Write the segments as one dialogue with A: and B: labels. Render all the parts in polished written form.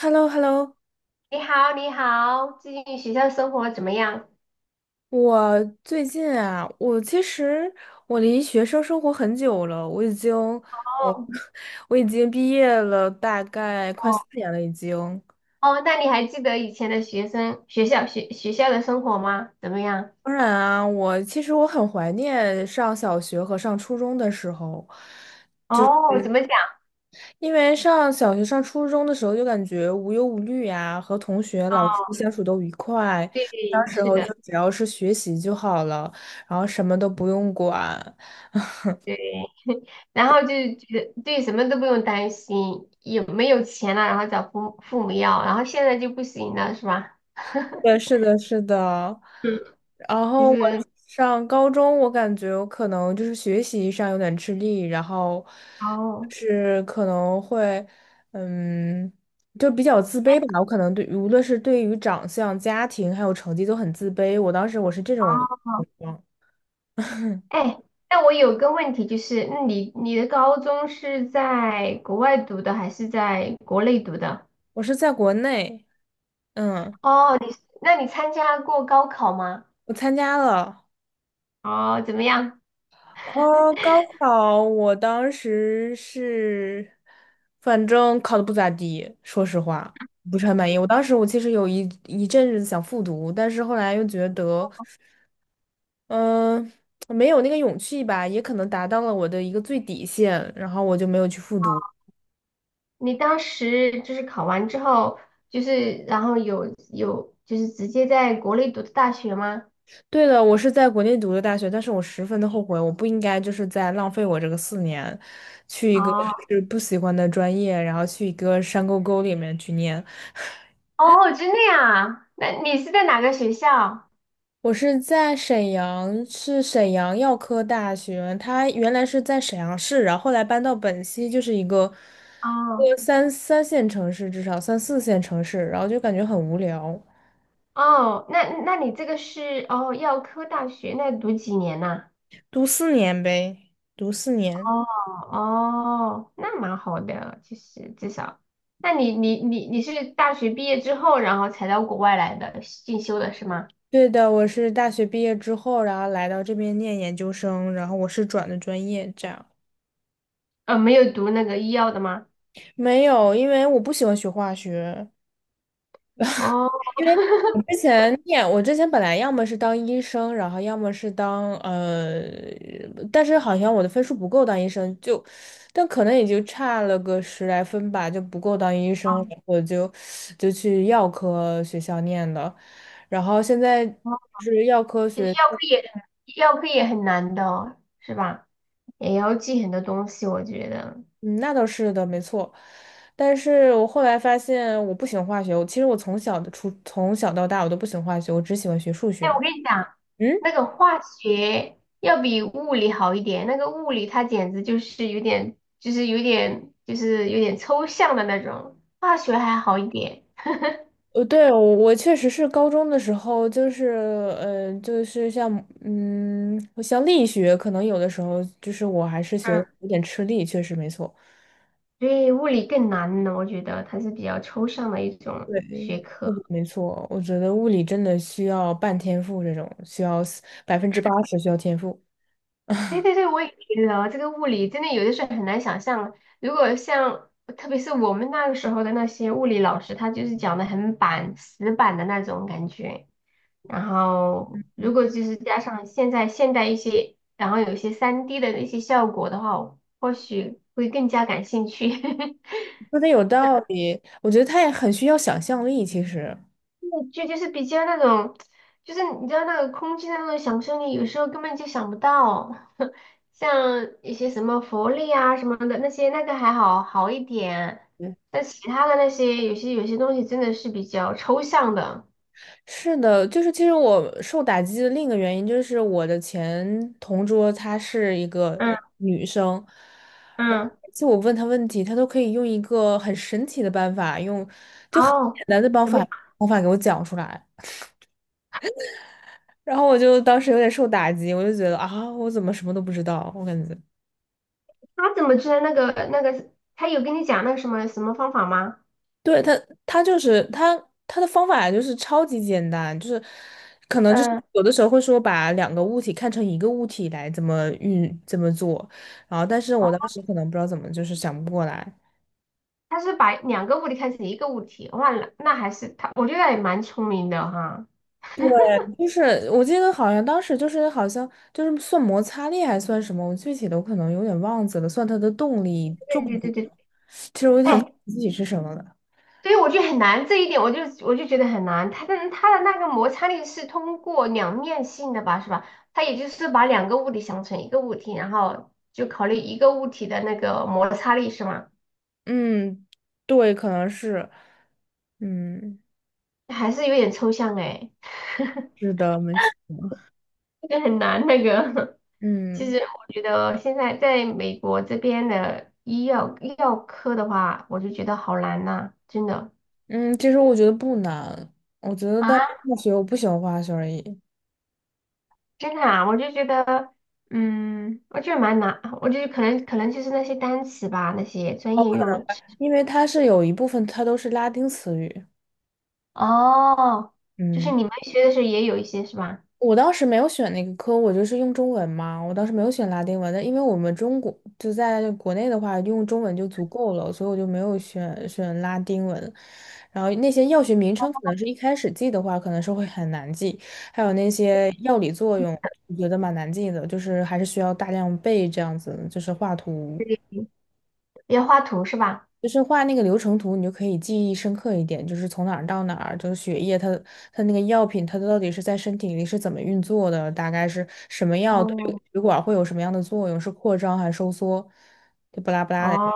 A: h e l l o h e l l o
B: 你好，你好，最近学校生活怎么样？
A: 我最近啊，我其实离学生生活很久了，我已经，呃
B: 哦
A: 我已经毕业了，大概快四
B: 哦
A: 年了已经。
B: 哦，那你还记得以前的学生学校学学校的生活吗？怎么样？
A: 当然啊，我其实我很怀念上小学和上初中的时候，
B: 哦，怎么讲？
A: 因为上小学、上初中的时候就感觉无忧无虑呀、和同学、老师
B: 哦，
A: 相处都愉快，那
B: 对，
A: 时
B: 是
A: 候就
B: 的，
A: 只要是学习就好了，然后什么都不用管。
B: 对，然后就觉得对什么都不用担心，有没有钱了，然后找父母要，然后现在就不行了，是吧？
A: 对，是的，是的。
B: 嗯，
A: 然
B: 就
A: 后我
B: 是
A: 上高中，我感觉我可能就是学习上有点吃力，然后
B: 哦，
A: 是可能会，嗯，就比较自卑吧。我可能对，无论是对于长相、家庭还有成绩都很自卑。我当时我是这种情况。
B: 哎，那我有个问题，就是那你的高中是在国外读的还是在国内读的？
A: 我是在国内，嗯。
B: 哦，那你参加过高考吗？
A: 我参加了。
B: 哦，怎么样？
A: 哦，高考我当时是，反正考的不咋地，说实话不是很满意。我当时我其实有一阵子想复读，但是后来又觉得，嗯、没有那个勇气吧，也可能达到了我的一个最底线，然后我就没有去复读。
B: 你当时就是考完之后，就是然后有就是直接在国内读的大学吗？
A: 对的，我是在国内读的大学，但是我十分的后悔，我不应该就是在浪费我这个四年，去一个
B: 哦
A: 就是不喜欢的专业，然后去一个山沟沟里面去念。
B: 哦，真的呀？那你是在哪个学校？
A: 我是在沈阳，是沈阳药科大学。他原来是在沈阳市，然后后来搬到本溪，就是一个
B: 哦
A: 三线城市，至少3、4线城市。然后就感觉很无聊，
B: 哦，那你这个是哦药科大学，那读几年呐？
A: 读四年呗，读四年。
B: 哦哦，那蛮好的，其实至少，那你是大学毕业之后，然后才到国外来的进修的是吗？
A: 对的，我是大学毕业之后，然后来到这边念研究生，然后我是转的专业，这样。
B: 没有读那个医药的吗？
A: 没有，因为我不喜欢学化学。
B: 哦
A: 因为我之前本来要么是当医生，然后要么是当但是好像我的分数不够当医生，但可能也就差了个10来分吧，就不够当医生，就去药科学校念的，然后现在是药科
B: 其实
A: 学，
B: 药科也很难的哦是吧？也要记很多东西，我觉得。
A: 嗯，那倒是的，没错。但是我后来发现我不喜欢化学，我其实我从小的初从小到大我都不喜欢化学，我只喜欢学数学。
B: 哎，我跟你讲，
A: 嗯。
B: 那个化学要比物理好一点，那个物理它简直就是有点抽象的那种，化学还好一点。
A: 对，我确实是高中的时候，就是像像力学，可能有的时候就是我还是学
B: 嗯，
A: 得有点吃力，确实没错。
B: 对，物理更难呢，我觉得它是比较抽象的一种
A: 对，
B: 学
A: 物
B: 科。
A: 理没错，我觉得物理真的需要半天赋，这种需要80%需要天赋，
B: 对对对，我也觉得这个物理真的有的时候很难想象啊。如果像特别是我们那个时候的那些物理老师，他就是讲的很死板的那种感觉。然后如果就是加上现代一些，然后有一些 3D 的那些效果的话，我或许会更加感兴趣。
A: 说的有道理。我觉得他也很需要想象力，其实。
B: 就是比较那种，就是你知道那个空气的那种想象力，有时候根本就想不到。像一些什么佛力啊什么的那些，那个还好一点，
A: 对，
B: 但其他的那些有些东西真的是比较抽象的。
A: 是的，就是其实我受打击的另一个原因就是我的前同桌她是一个
B: 嗯
A: 女生。
B: 嗯，
A: 就我问他问题，他都可以用一个很神奇的办法，就很
B: 哦，
A: 简单的
B: 怎么
A: 方法给我讲出来。然后我就当时有点受打击，我就觉得啊，我怎么什么都不知道？我感觉，
B: 他怎么知道那个？他有跟你讲那个什么什么方法吗？
A: 对他，他就是他他的方法就是超级简单，就是可能就是
B: 嗯，
A: 有的时候会说把两个物体看成一个物体来怎么做，然后但是
B: 哦，
A: 我当时可能不知道怎么就是想不过来。
B: 他是把两个物体看成一个物体，忘了，那还是他，我觉得也蛮聪明的哈。
A: 对，就是我记得好像当时就是好像就是算摩擦力还算什么，我具体的我可能有点忘记了，算它的动力重
B: 对对
A: 力，
B: 对对，
A: 其实我有点忘
B: 哎，
A: 记具体是什么了。
B: 所以我就很难这一点，我就觉得很难。它的那个摩擦力是通过两面性的吧，是吧？它也就是把两个物体想成一个物体，然后就考虑一个物体的那个摩擦力，是吗？
A: 嗯，对，可能是，嗯，
B: 还是有点抽象哎，
A: 是的，没错。
B: 个很难那个。其
A: 嗯
B: 实我觉得现在在美国这边的医药科的话，我就觉得好难呐、真的。
A: 嗯，其实我觉得不难，我觉得但是
B: 啊。
A: 化学不喜欢化学而已，
B: 真的啊，我就觉得，我觉得蛮难，我觉得可能就是那些单词吧，那些专业用词，
A: 因为它是有一部分它都是拉丁词语。
B: 哦，就是
A: 嗯。
B: 你们学的时候也有一些是吧？
A: 我当时没有选那个科，我就是用中文嘛。我当时没有选拉丁文的，因为我们中国就在国内的话，用中文就足够了，所以我就没有选拉丁文。然后那些药学名称可能是一开始记的话，可能是会很难记，还有那些药理作用，我觉得蛮难记的，就是还是需要大量背这样子，就是画图。
B: 对，要画图是吧？
A: 就是画那个流程图，你就可以记忆深刻一点，就是从哪儿到哪儿，就是血液它那个药品它到底是在身体里是怎么运作的，大概是什么药对
B: 哦，
A: 血管会有什么样的作用，是扩张还是收缩，就不拉不拉
B: 哦，
A: 的。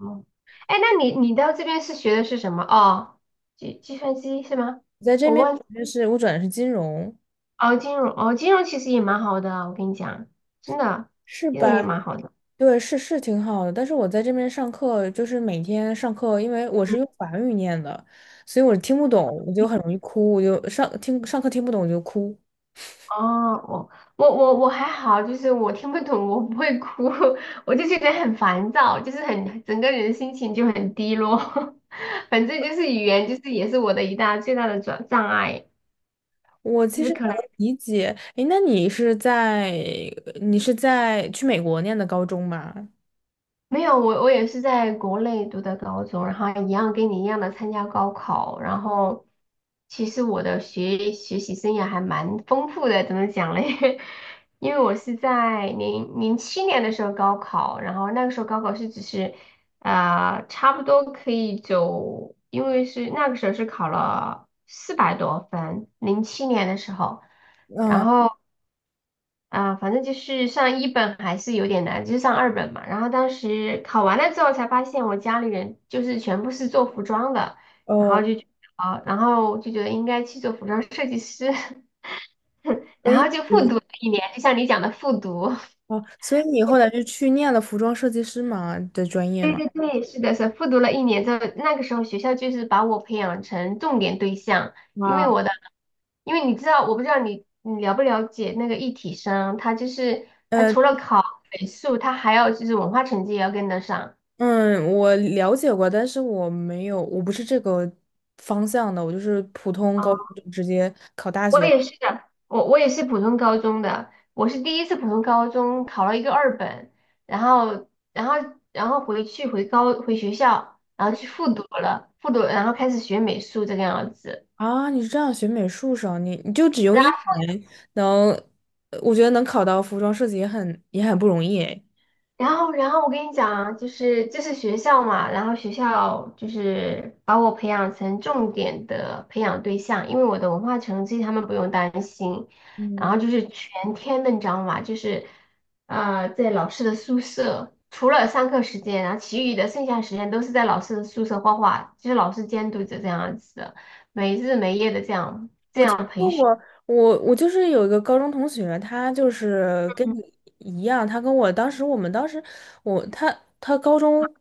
B: 哦哎，那你到这边是学的是什么？哦，计算机是吗？
A: 在这
B: 我
A: 边
B: 忘记
A: 就是我转的是金融，
B: 哦，金融其实也蛮好的，我跟你讲，真的，
A: 是
B: 金融
A: 吧？
B: 也蛮好的。
A: 对，是挺好的，但是我在这边上课，就是每天上课，因为我是
B: 嗯。
A: 用法语念的，所以我听不懂，我就很容易哭，我就上课听不懂我就哭。
B: 哦，我我还好，就是我听不懂，我不会哭，我就觉得很烦躁，就是很整个人心情就很低落。反正就是语言，就是也是我的最大的障碍，
A: 我
B: 就
A: 其
B: 是
A: 实能
B: 可能。
A: 理解，诶，那你是在去美国念的高中吗？
B: 没有，我也是在国内读的高中，然后一样跟你一样的参加高考，然后其实我的学习生涯还蛮丰富的，怎么讲嘞？因为我是在零七年的时候高考，然后那个时候高考是只是啊，差不多可以走，因为是那个时候是考了400多分，零七年的时候，然
A: 嗯，
B: 后啊，反正就是上一本还是有点难，就是上二本嘛。然后当时考完了之后才发现，我家里人就是全部是做服装的，然后
A: 哦，
B: 就觉得啊，然后就觉得应该去做服装设计师，
A: 所
B: 然
A: 以
B: 后就复
A: 你
B: 读了一年，就像你讲的复读。
A: 哦，所以你后来是去念了服装设计师嘛的专业
B: 对
A: 嘛？
B: 对对，是的，是的复读了一年之后，那个时候学校就是把我培养成重点对象，因为
A: 啊，
B: 我的，因为你知道，我不知道你了不了解那个一体生，他就是他
A: 呃，
B: 除了考美术，他还要就是文化成绩也要跟得上。
A: 嗯，我了解过，但是我没有，我不是这个方向的，我就是普通
B: 啊，
A: 高中就直接考大
B: 我
A: 学。
B: 也是的，我也是普通高中的，我是第一次普通高中考了一个二本，然后然后然后回学校，然
A: 嗯
B: 后去复读了，然后开始学美术这个样子。
A: 啊，你是这样学美术生，你就只用一年能，我觉得能考到服装设计也很不容易诶。
B: 然后我跟你讲啊，就是这是学校嘛，然后学校就是把我培养成重点的培养对象，因为我的文化成绩他们不用担心，然后就是全天的，你知道吗？就是在老师的宿舍，除了上课时间，然后其余的剩下时间都是在老师的宿舍画画，就是老师监督着这样子的，没日没夜的这样这样。
A: 那我我就是有一个高中同学，他就是跟
B: 嗯
A: 你一样，他跟我当时我们当时我他他高中，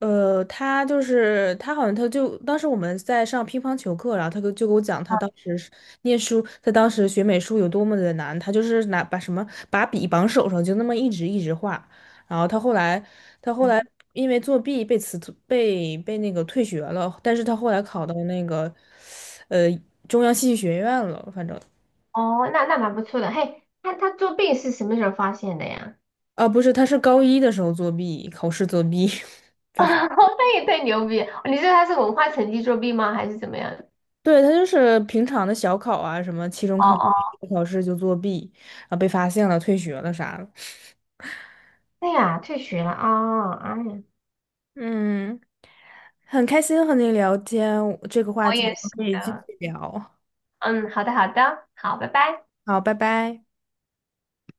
A: 呃，他就是他好像他就当时我们在上乒乓球课，然后就给我讲他当时是念书，他当时学美术有多么的难，他就是拿把什么把笔绑手上就那么一直画。然后他后来，他后来因为作弊被辞被被那个退学了，但是他后来考到那个，呃，中央戏剧学院了，反正
B: 哦，那蛮不错的。嘿，那他作弊是什么时候发现的呀？
A: 不是，他是高一的时候作弊，考试作弊，被
B: 那也太牛逼！你说他是文化成绩作弊吗？还是怎么样？
A: 对，他就是平常的小考啊，什么期中
B: 哦
A: 考期
B: 哦，
A: 末考试就作弊，然后被发现了，退学了啥的。
B: 对呀，退学了啊！哦哎呀，
A: 嗯，很开心和您聊天，这个话
B: 我
A: 题我
B: 也
A: 们
B: 是
A: 可以继
B: 的。
A: 续聊。
B: 嗯，好的，好的，好，拜拜。
A: 好，拜拜。